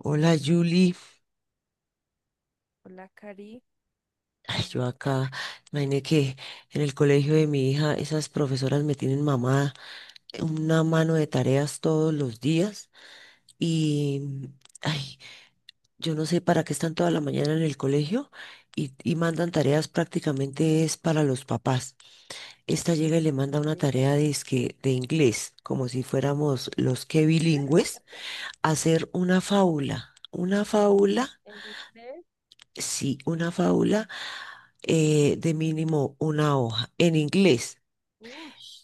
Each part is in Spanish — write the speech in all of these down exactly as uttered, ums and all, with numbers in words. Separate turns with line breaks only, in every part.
Hola, Julie.
Hola, Cari.
Ay, yo acá, imaginé que en el colegio de mi hija esas profesoras me tienen mamada una mano de tareas todos los días y, ay, yo no sé para qué están toda la mañana en el colegio y, y mandan tareas prácticamente es para los papás. Esta llega y le manda una tarea de, que de inglés, como si fuéramos los que bilingües, hacer una fábula, una fábula.
El
Sí, una fábula, eh, de mínimo una hoja en inglés.
Bush.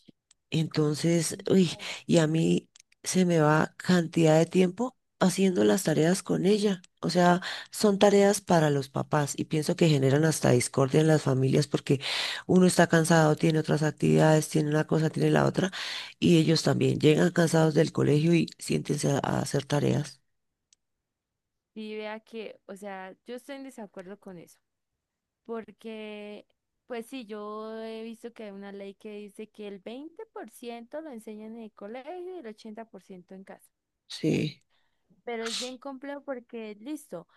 Entonces, uy, y a
Mira,
mí se me va cantidad de tiempo haciendo las tareas con ella. O sea, son tareas para los papás y pienso que generan hasta discordia en las familias porque uno está cansado, tiene otras actividades, tiene una cosa, tiene la otra y ellos también llegan cansados del colegio y siéntense a, a hacer tareas.
y vea que, o sea, yo estoy en desacuerdo con eso, porque, pues sí, yo he visto que hay una ley que dice que el veinte por ciento lo enseñan en el colegio y el ochenta por ciento en casa.
Sí.
Pero es bien complejo porque, listo,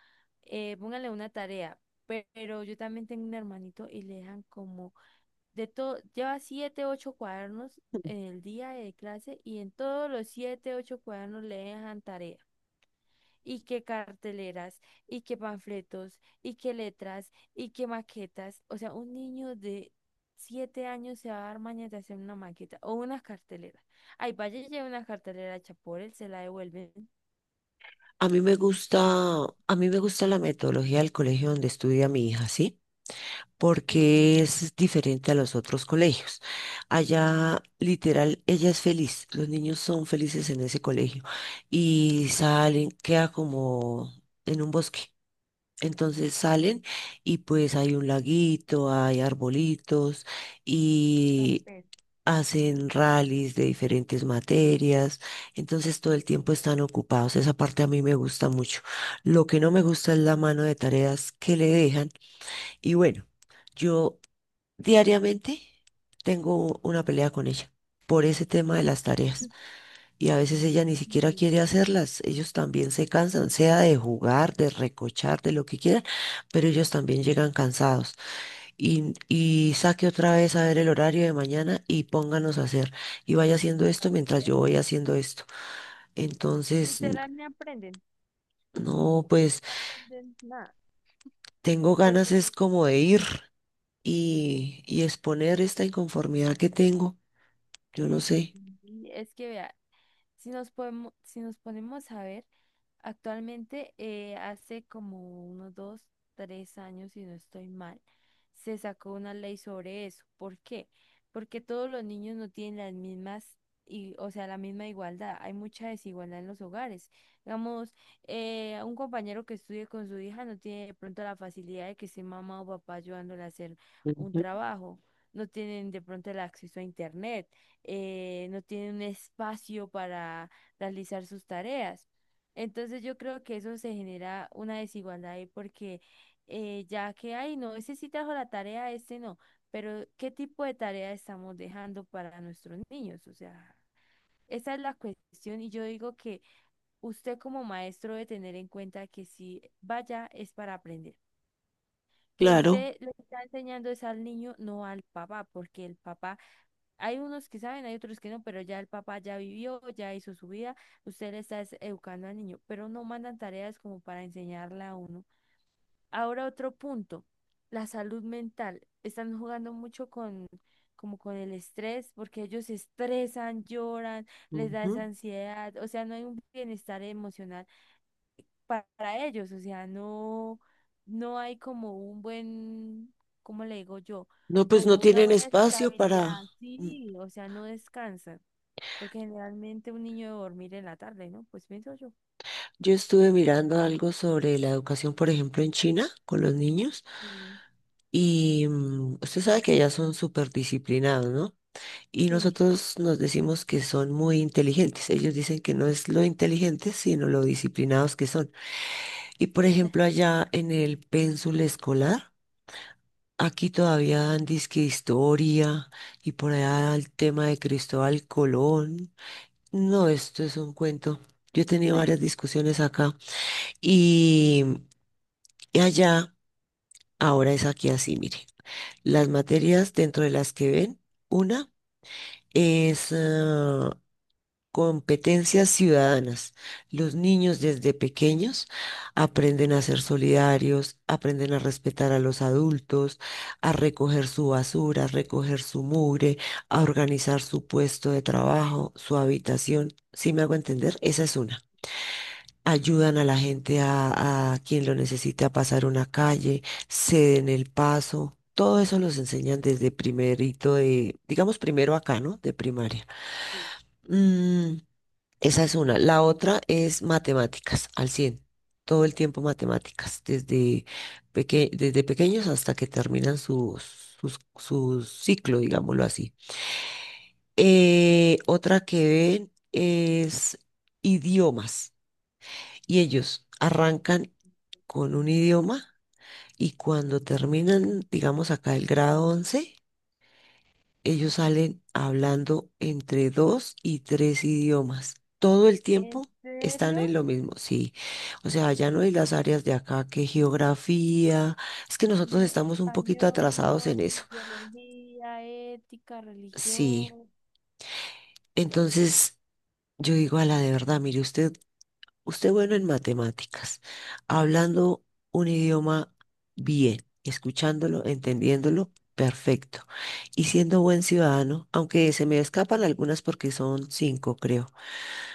eh, póngale una tarea, pe- pero yo también tengo un hermanito y le dejan como, de todo, lleva siete, ocho cuadernos
Mm.
en el día de clase y en todos los siete, ocho cuadernos le dejan tarea. Y qué carteleras, y qué panfletos, y qué letras, y qué maquetas. O sea, un niño de siete años se va a dar mañas de hacer una maqueta o una cartelera. Ay, vaya y lleve una cartelera hecha por él, se la devuelven.
A mí me gusta, a mí me gusta la metodología del colegio donde estudia mi hija, ¿sí?
Sí,
Porque es diferente a los otros colegios. Allá, literal, ella es feliz. Los niños son felices en ese colegio y salen, queda como en un bosque. Entonces salen y pues hay un laguito, hay arbolitos y
campestre.
hacen rallies de diferentes materias, entonces todo el tiempo están ocupados. Esa parte a mí me gusta mucho. Lo que no me gusta es la mano de tareas que le dejan. Y bueno, yo diariamente tengo una pelea con ella por ese tema de las tareas. Y a veces ella ni siquiera
Sí,
quiere hacerlas. Ellos también se cansan, sea de jugar, de recochar, de lo que quieran, pero ellos también llegan cansados y, y saque otra vez a ver el horario de mañana y pónganos a hacer y vaya haciendo esto mientras
vea.
yo voy haciendo esto. Entonces, n-
Literal, no aprenden.
no, pues
No aprenden nada.
tengo ganas
Porque
es como de ir y, y exponer esta inconformidad que tengo, yo no sé.
Es que vea, si nos podemos, si nos ponemos a ver, actualmente eh, hace como unos dos, tres años, si no estoy mal, se sacó una ley sobre eso. ¿Por qué? Porque todos los niños no tienen las mismas, y, o sea, la misma igualdad. Hay mucha desigualdad en los hogares. Digamos, eh, un compañero que estudie con su hija no tiene de pronto la facilidad de que esté mamá o papá ayudándole a hacer un
Ujú.
trabajo. No tienen de pronto el acceso a internet, eh, no tienen un espacio para realizar sus tareas. Entonces yo creo que eso se genera una desigualdad ahí porque, eh, ya que hay, no, ese sí trajo la tarea, este no, pero ¿qué tipo de tarea estamos dejando para nuestros niños? O sea, esa es la cuestión y yo digo que usted como maestro debe tener en cuenta que si vaya es para aprender, que
Claro.
usted le está enseñando es al niño, no al papá, porque el papá, hay unos que saben, hay otros que no, pero ya el papá ya vivió, ya hizo su vida, usted le está es- educando al niño, pero no mandan tareas como para enseñarla a uno. Ahora otro punto, la salud mental. Están jugando mucho con, como con el estrés, porque ellos se estresan, lloran, les da esa
Ujú.
ansiedad, o sea, no hay un bienestar emocional pa- para ellos, o sea, no, no hay como un buen, ¿cómo le digo yo?
No, pues no
Como una
tienen
buena
espacio para.
estabilidad,
mm,
sí, o sea, no descansan, porque generalmente un niño debe dormir en la tarde, ¿no? Pues pienso yo.
Yo estuve mirando algo sobre la educación, por ejemplo, en China con los niños
Sí.
y mm, usted sabe que ya son súper disciplinados, ¿no? Y
Sí.
nosotros nos decimos que son muy inteligentes. Ellos dicen que no es lo inteligentes, sino lo disciplinados que son. Y por ejemplo, allá en el pénsul escolar, aquí todavía dan disque historia y por allá el tema de Cristóbal Colón. No, esto es un cuento. Yo he tenido varias discusiones acá y, y allá ahora es aquí así, mire. Las materias dentro de las que ven, una es ah, competencias ciudadanas. Los niños desde pequeños aprenden a ser solidarios, aprenden a respetar a los adultos, a recoger su basura, a
Eh,
recoger su mugre, a organizar su puesto de trabajo, su habitación. ¿Sí me hago entender? Esa es una. Ayudan a la gente a, a quien lo necesita a pasar una calle, ceden el paso. Todo eso los enseñan desde primerito de, digamos primero acá, ¿no? De primaria. Mm, esa es una. La otra es matemáticas, al cien. Todo el tiempo matemáticas, desde, peque- desde pequeños hasta que terminan su, sus- su ciclo, digámoslo así. Eh, otra que ven es idiomas. Y ellos arrancan con un idioma y cuando terminan, digamos acá el grado once. Ellos
ujú.
salen hablando entre dos y tres idiomas. Todo el tiempo
¿En
están en
serio?
lo mismo, sí. O sea, ya no hay las áreas de acá que geografía. Es que nosotros
Mm,
estamos un poquito
español,
atrasados en eso.
biología, ética,
Sí.
religión.
Entonces, yo digo a la de verdad, mire, usted, usted bueno en matemáticas, hablando un idioma bien, escuchándolo, entendiéndolo, perfecto. Y siendo buen ciudadano, aunque se me escapan algunas porque son cinco, creo.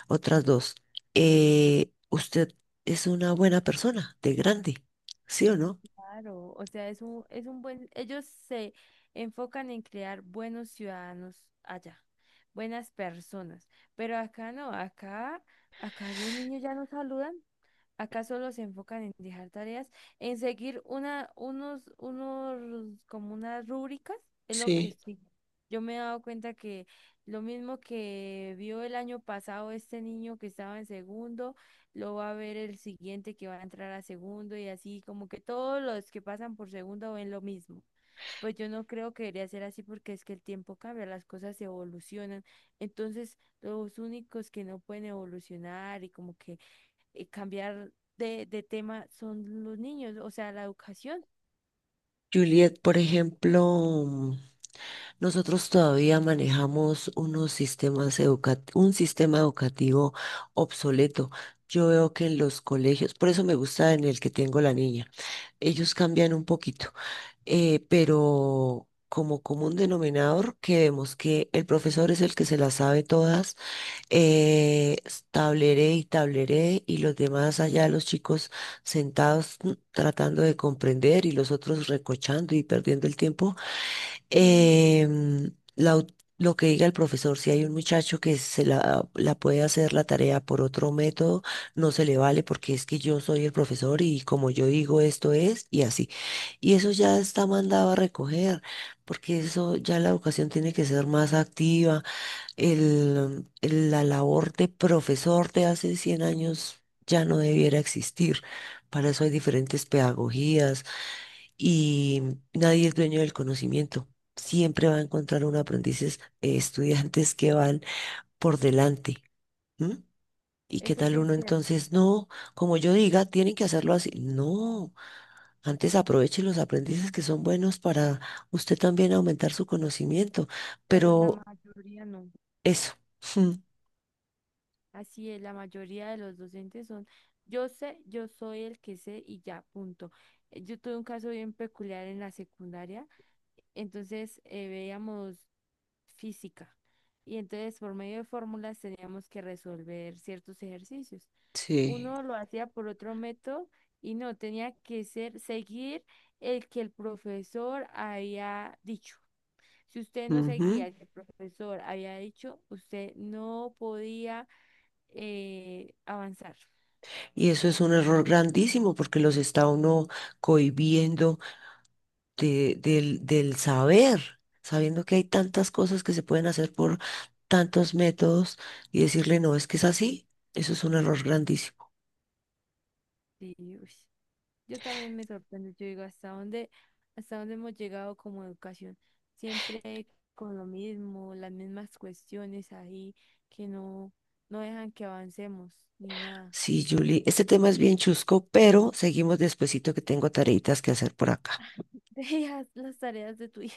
Otras dos. eh, usted es una buena persona, de grande, ¿sí o no?
Claro, o sea, es un, es un buen, ellos se enfocan en crear buenos ciudadanos allá, buenas personas, pero acá no, acá, acá los niños ya no saludan, acá solo se enfocan en dejar tareas, en seguir una, unos, unos, como unas rúbricas, es lo que
Sí,
sí. Yo me he dado cuenta que lo mismo que vio el año pasado este niño que estaba en segundo lo va a ver el siguiente que va a entrar a segundo, y así, como que todos los que pasan por segundo ven lo mismo. Pues yo no creo que debería ser así porque es que el tiempo cambia, las cosas evolucionan. Entonces, los únicos que no pueden evolucionar y como que eh, cambiar de, de tema son los niños, o sea, la educación,
Juliet, por ejemplo, mm, nosotros todavía manejamos unos sistemas educa- un sistema educativo obsoleto. Yo veo que en los colegios, por eso me gusta en el que tengo la niña, ellos cambian un poquito, eh, pero como común denominador que vemos que el profesor es el que se las sabe todas. Eh, tableré y tableré y los demás allá, los chicos sentados mm, tratando de comprender y los otros recochando y perdiendo el tiempo.
ujú.
Em, la au- lo que diga el profesor, si hay un muchacho que se la, la puede hacer la tarea por otro método, no se le vale porque es que yo soy el profesor y como yo digo esto es y así. Y eso ya está mandado a recoger porque eso ya la educación tiene que ser más activa. el- el- la labor de profesor de hace cien años ya no debiera existir. Para eso hay diferentes pedagogías y nadie es dueño del conocimiento. Siempre va a encontrar un aprendices, eh, estudiantes que van por delante. ¿M? ¿Y qué
Eso sí
tal
es
uno
cierto,
entonces? No, como yo diga, tienen que hacerlo así. No, antes aproveche los aprendices que son buenos para usted también aumentar su conocimiento.
pero la
Pero
mayoría no.
eso.
Así es, la mayoría de los docentes son, yo sé, yo soy el que sé y ya, punto. Eh, Yo tuve un caso bien peculiar en la secundaria, entonces eh, veíamos física y entonces por medio de fórmulas teníamos que resolver ciertos ejercicios.
Sí.
Uno lo hacía por otro método y no, tenía que ser, seguir el que el profesor había dicho. Si usted no seguía
Ujú.
el que el profesor había dicho, usted no podía eh, avanzar.
Y eso es un error grandísimo porque los está uno cohibiendo de- del, del saber, sabiendo que hay tantas cosas que se pueden hacer por tantos métodos y decirle, no, es que es así, eso es un error grandísimo.
Y, uy, yo también me sorprendo, yo digo, ¿hasta dónde, hasta dónde hemos llegado como educación? Siempre con lo mismo, las mismas cuestiones ahí que no, no dejan que avancemos ni nada.
Sí, Julie, este tema es bien chusco, pero seguimos despuesito que tengo tareitas que hacer por acá.
Dejas las tareas de tu hijo.